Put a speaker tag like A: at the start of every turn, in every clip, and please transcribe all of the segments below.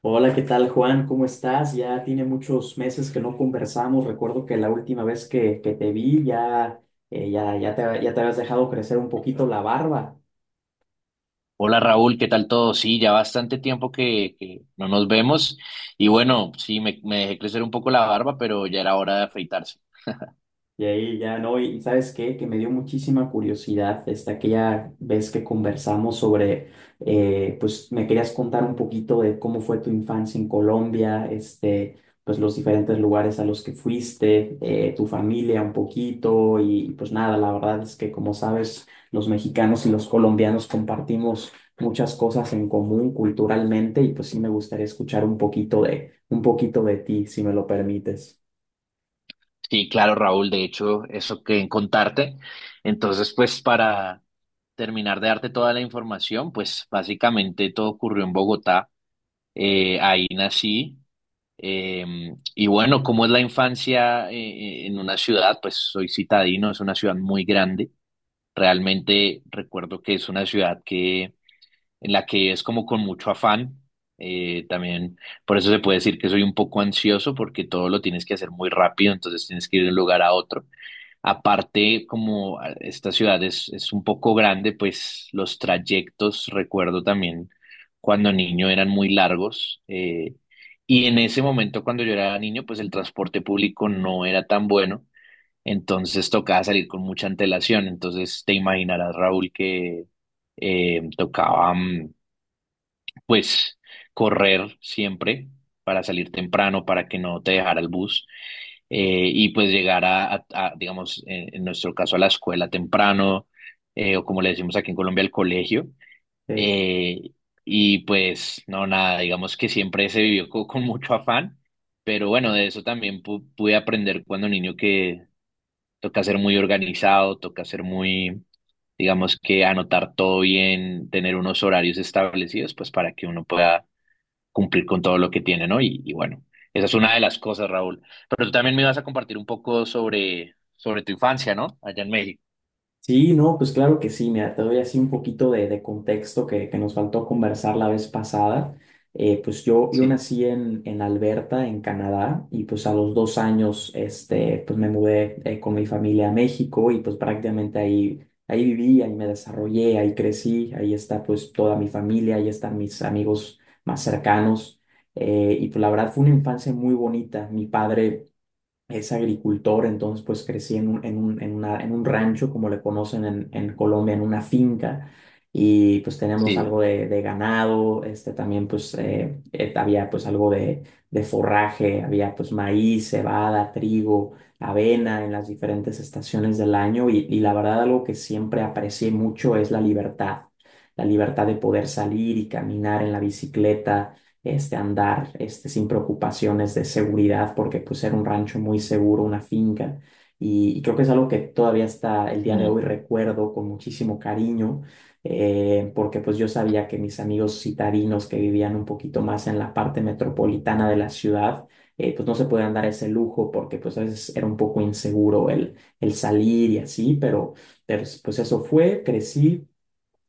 A: Hola, ¿qué tal, Juan? ¿Cómo estás? Ya tiene muchos meses que no conversamos. Recuerdo que la última vez que te vi ya, ya te habías dejado crecer un poquito la barba.
B: Hola Raúl, ¿qué tal todo? Sí, ya bastante tiempo que no nos vemos y bueno, sí, me dejé crecer un poco la barba, pero ya era hora de afeitarse.
A: Y ahí ya no, y ¿sabes qué? Que me dio muchísima curiosidad esta aquella vez que conversamos sobre, pues me querías contar un poquito de cómo fue tu infancia en Colombia, este, pues los diferentes lugares a los que fuiste, tu familia un poquito y pues nada, la verdad es que como sabes, los mexicanos y los colombianos compartimos muchas cosas en común culturalmente y pues sí me gustaría escuchar un poquito un poquito de ti, si me lo permites.
B: Sí, claro Raúl, de hecho, eso que contarte. Entonces, pues para terminar de darte toda la información, pues básicamente todo ocurrió en Bogotá. Ahí nací. Y bueno, ¿cómo es la infancia en una ciudad? Pues soy citadino, es una ciudad muy grande. Realmente recuerdo que es una ciudad que en la que es como con mucho afán. También por eso se puede decir que soy un poco ansioso porque todo lo tienes que hacer muy rápido, entonces tienes que ir de un lugar a otro. Aparte, como esta ciudad es un poco grande, pues los trayectos, recuerdo también cuando niño eran muy largos. Y en ese momento, cuando yo era niño, pues el transporte público no era tan bueno, entonces tocaba salir con mucha antelación. Entonces te imaginarás, Raúl, que tocaba, pues, correr siempre para salir temprano, para que no te dejara el bus, y pues llegar digamos, en nuestro caso, a la escuela temprano, o como le decimos aquí en Colombia, al colegio.
A: Sí.
B: eh, y pues no, nada, digamos que siempre se vivió con mucho afán, pero bueno, de eso también pude aprender cuando niño que toca ser muy organizado, toca ser muy digamos que anotar todo bien, tener unos horarios establecidos, pues para que uno pueda cumplir con todo lo que tiene, ¿no? Y bueno, esa es una de las cosas, Raúl. Pero tú también me ibas a compartir un poco sobre tu infancia, ¿no? Allá en México.
A: Sí, no, pues claro que sí, mira, te doy así un poquito de contexto que nos faltó conversar la vez pasada. Yo
B: Sí,
A: nací en Alberta, en Canadá, y pues a los dos años, este, pues me mudé con mi familia a México y pues prácticamente ahí, ahí viví, ahí me desarrollé, ahí crecí, ahí está pues toda mi familia, ahí están mis amigos más cercanos. Y pues la verdad fue una infancia muy bonita. Mi padre es agricultor, entonces pues crecí en un rancho, como le conocen en Colombia, en una finca, y pues tenemos algo
B: sí.
A: de ganado, este también pues había pues algo de forraje, había pues maíz, cebada, trigo, avena en las diferentes estaciones del año, y la verdad algo que siempre aprecié mucho es la libertad de poder salir y caminar en la bicicleta este, andar este, sin preocupaciones de seguridad, porque pues era un rancho muy seguro, una finca, y creo que es algo que todavía hasta el día de
B: Mm.
A: hoy recuerdo con muchísimo cariño, porque pues yo sabía que mis amigos citadinos que vivían un poquito más en la parte metropolitana de la ciudad, pues no se podían dar ese lujo porque pues a veces era un poco inseguro el salir y así, pero, pues eso fue, crecí,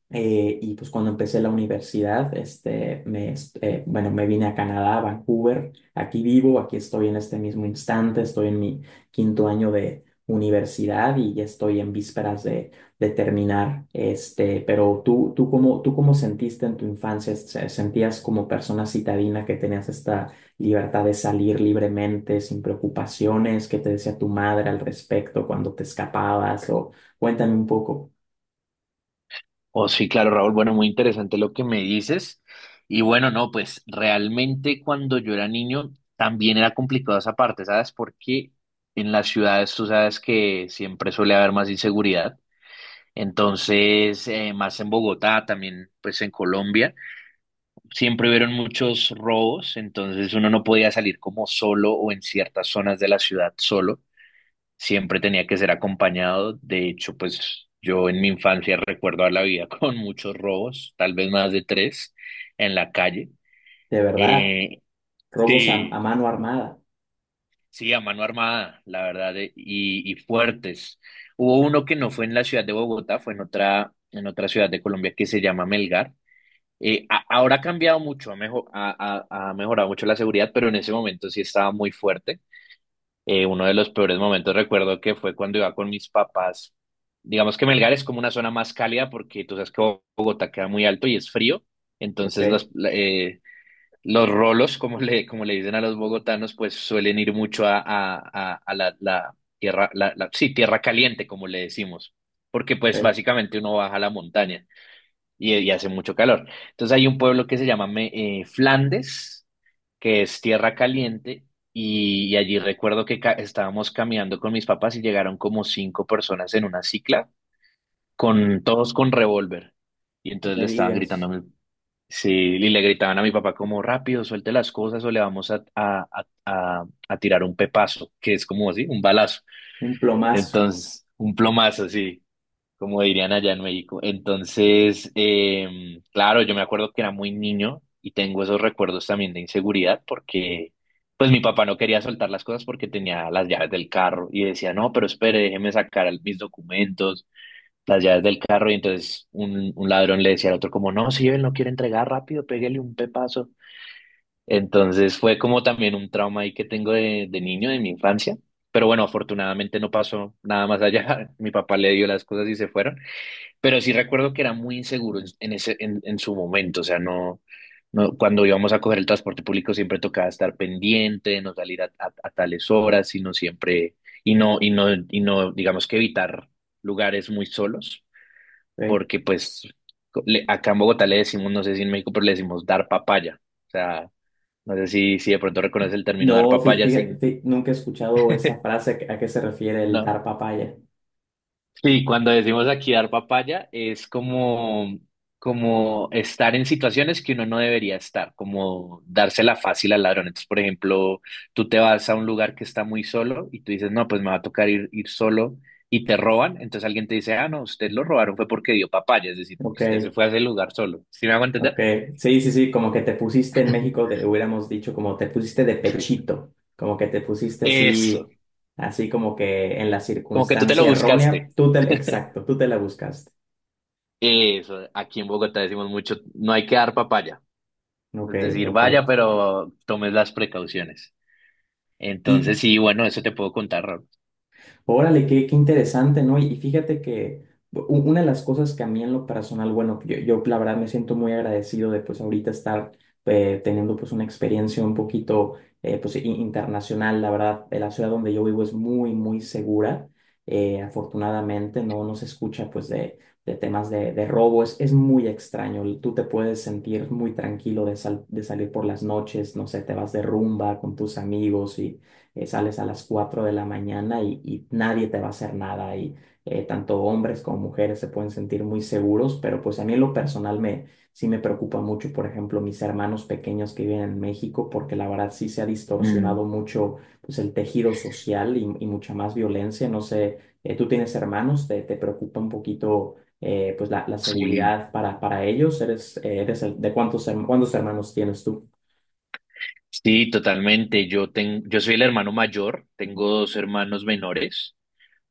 A: y pues cuando empecé la universidad, este, bueno, me vine a Canadá, a Vancouver, aquí vivo, aquí estoy en este mismo instante, estoy en mi quinto año de universidad y ya estoy en vísperas de terminar, este, pero tú cómo sentiste en tu infancia, sentías como persona citadina que tenías esta libertad de salir libremente, sin preocupaciones, ¿qué te decía tu madre al respecto cuando te escapabas? O cuéntame un poco,
B: Oh, sí, claro, Raúl. Bueno, muy interesante lo que me dices. Y bueno, no, pues realmente cuando yo era niño también era complicado esa parte, ¿sabes? Porque en las ciudades tú sabes que siempre suele haber más inseguridad. Entonces, más en Bogotá, también pues en Colombia. Siempre hubieron muchos robos, entonces uno no podía salir como solo o en ciertas zonas de la ciudad solo, siempre tenía que ser acompañado. De hecho, pues yo en mi infancia recuerdo a la vida con muchos robos, tal vez más de tres en la calle.
A: de verdad.
B: Eh,
A: Robos a
B: sí,
A: mano armada,
B: sí, a mano armada, la verdad, y fuertes. Hubo uno que no fue en la ciudad de Bogotá, fue en otra, ciudad de Colombia que se llama Melgar. Ahora ha cambiado mucho, ha mejorado mucho la seguridad, pero en ese momento sí estaba muy fuerte. Uno de los peores momentos recuerdo que fue cuando iba con mis papás. Digamos que Melgar es como una zona más cálida porque tú sabes que Bogotá queda muy alto y es frío,
A: ok,
B: entonces los rolos, como como le dicen a los bogotanos, pues suelen ir mucho a la tierra, sí, tierra caliente, como le decimos, porque pues
A: ok,
B: básicamente uno baja a la montaña y hace mucho calor. Entonces hay un pueblo que se llama Flandes, que es tierra caliente, y allí recuerdo que estábamos caminando con mis papás y llegaron como cinco personas en una cicla, con todos con revólver. Y
A: no
B: entonces
A: me
B: le estaban gritando, a
A: digas,
B: mi- Sí, y le gritaban a mi papá como rápido, suelte las cosas o le vamos a tirar un pepazo, que es como así, un balazo.
A: un plomazo,
B: Entonces, un plomazo, sí, como dirían allá en México. Entonces, claro, yo me acuerdo que era muy niño y tengo esos recuerdos también de inseguridad porque pues mi papá no quería soltar las cosas porque tenía las llaves del carro y decía, no, pero espere, déjeme sacar mis documentos, las llaves del carro. Y entonces un, ladrón le decía al otro como, no, si él no quiere entregar rápido, pégale un pepazo. Entonces fue como también un trauma ahí que tengo de niño, de mi infancia. Pero bueno, afortunadamente no pasó nada más allá. Mi papá le dio las cosas y se fueron. Pero sí recuerdo que era muy inseguro en ese, en su momento, o sea, no, no, cuando íbamos a coger el transporte público siempre tocaba estar pendiente, de no salir a tales horas, sino siempre, y no, y no, y no, digamos que evitar lugares muy solos,
A: ok.
B: porque pues acá en Bogotá le decimos, no sé si en México, pero le decimos dar papaya. O sea, no sé si de pronto reconoce el término dar
A: No,
B: papaya, sin...
A: fíjate, nunca he escuchado esa frase a qué se refiere el
B: ¿no?
A: dar papaya,
B: Sí, cuando decimos aquí dar papaya, es como estar en situaciones que uno no debería estar, como dársela fácil al ladrón. Entonces, por ejemplo, tú te vas a un lugar que está muy solo y tú dices, no, pues me va a tocar ir solo y te roban. Entonces alguien te dice, ah, no, usted lo robaron fue porque dio papaya, es decir, porque
A: ok,
B: usted se fue a ese lugar solo. ¿Sí me hago
A: ok,
B: entender?
A: sí, sí, sí, como que te pusiste en México, hubiéramos dicho como te pusiste de
B: Sí.
A: pechito, como que te pusiste
B: Eso,
A: así, así como que en la
B: como que tú te lo
A: circunstancia errónea,
B: buscaste.
A: exacto, tú te la buscaste,
B: Eso, aquí en Bogotá decimos mucho, no hay que dar papaya.
A: ok,
B: Es decir,
A: ok.
B: vaya, pero tomes las precauciones.
A: Y
B: Entonces, sí, bueno, eso te puedo contar, Raúl.
A: órale, qué, qué interesante, ¿no? Y fíjate que una de las cosas que a mí en lo personal, bueno, yo la verdad me siento muy agradecido de pues ahorita estar teniendo pues una experiencia un poquito internacional, la verdad, la ciudad donde yo vivo es muy, muy segura, afortunadamente, no, no se escucha pues de temas de robo, es muy extraño, tú te puedes sentir muy tranquilo de salir por las noches, no sé, te vas de rumba con tus amigos sales a las 4 de la mañana y nadie te va a hacer nada y tanto hombres como mujeres se pueden sentir muy seguros, pero pues a mí en lo personal me, sí me preocupa mucho, por ejemplo, mis hermanos pequeños que viven en México, porque la verdad sí se ha distorsionado
B: Mm,
A: mucho pues el tejido social y mucha más violencia, no sé, tú tienes hermanos, te preocupa un poquito pues la
B: sí,
A: seguridad para ellos, eres, eres ¿de cuántos, cuántos hermanos tienes tú?
B: sí, totalmente. Yo soy el hermano mayor, tengo dos hermanos menores.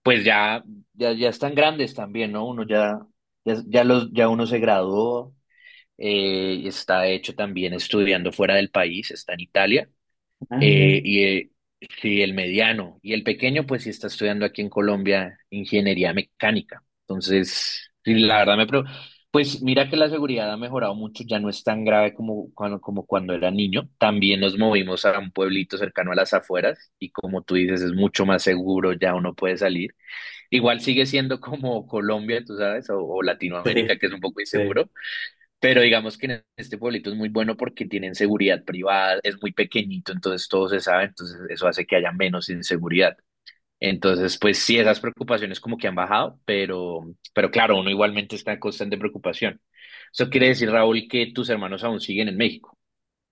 B: Pues ya, ya, ya están grandes también, ¿no? Uno ya, ya, ya los, ya uno se graduó, y está de hecho también estudiando fuera del país, está en Italia.
A: Ah, mira.
B: Y sí, el mediano. Y el pequeño, pues sí está estudiando aquí en Colombia ingeniería mecánica. Entonces, sí, la verdad Pues mira que la seguridad ha mejorado mucho, ya no es tan grave como cuando era niño. También nos movimos a un pueblito cercano a las afueras y como tú dices, es mucho más seguro, ya uno puede salir. Igual sigue siendo como Colombia, tú sabes, o Latinoamérica,
A: Sí,
B: que es un poco
A: sí.
B: inseguro, pero digamos que en este pueblito es muy bueno porque tienen seguridad privada, es muy pequeñito, entonces todo se sabe, entonces eso hace que haya menos inseguridad. Entonces, pues sí, esas preocupaciones como que han bajado, pero claro, uno igualmente está en constante preocupación. Eso quiere decir, Raúl, que tus hermanos aún siguen en México.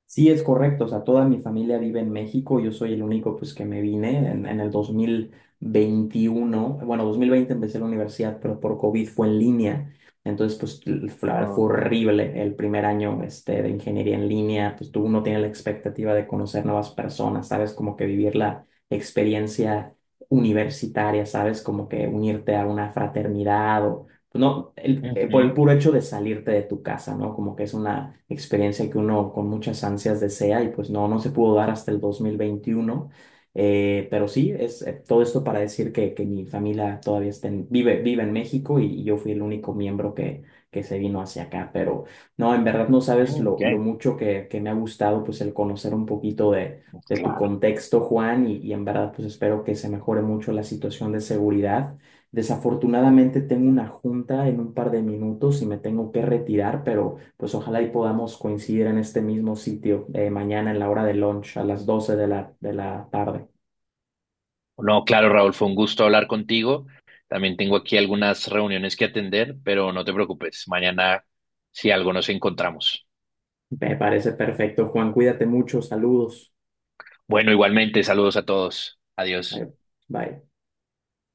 A: Sí, es correcto, o sea, toda mi familia vive en México, yo soy el único pues que me vine en el 2021, bueno, 2020 empecé la universidad, pero por COVID fue en línea, entonces pues fue la verdad fue
B: Okay.
A: horrible el primer año este, de ingeniería en línea, pues tú no tienes la expectativa de conocer nuevas personas, sabes, como que vivir la experiencia universitaria, sabes, como que unirte a una fraternidad o no, por el
B: Ujú.
A: puro hecho de salirte de tu casa, ¿no? Como que es una experiencia que uno con muchas ansias desea y pues no, no se pudo dar hasta el 2021. Pero sí, es todo esto para decir que mi familia todavía está vive, vive en México y yo fui el único miembro que se vino hacia acá. Pero no, en verdad no sabes
B: Ok,
A: lo mucho que me ha gustado pues el conocer un poquito de tu
B: claro.
A: contexto, Juan, y en verdad pues espero que se mejore mucho la situación de seguridad. Desafortunadamente tengo una junta en un par de minutos y me tengo que retirar, pero pues ojalá y podamos coincidir en este mismo sitio mañana en la hora de lunch a las 12 de la, de la tarde.
B: No, claro, Raúl, fue un gusto hablar contigo. También tengo aquí algunas reuniones que atender, pero no te preocupes. Mañana, si algo, nos encontramos.
A: Me parece perfecto, Juan. Cuídate mucho. Saludos.
B: Bueno, igualmente, saludos a todos. Adiós.
A: Bye. Bye.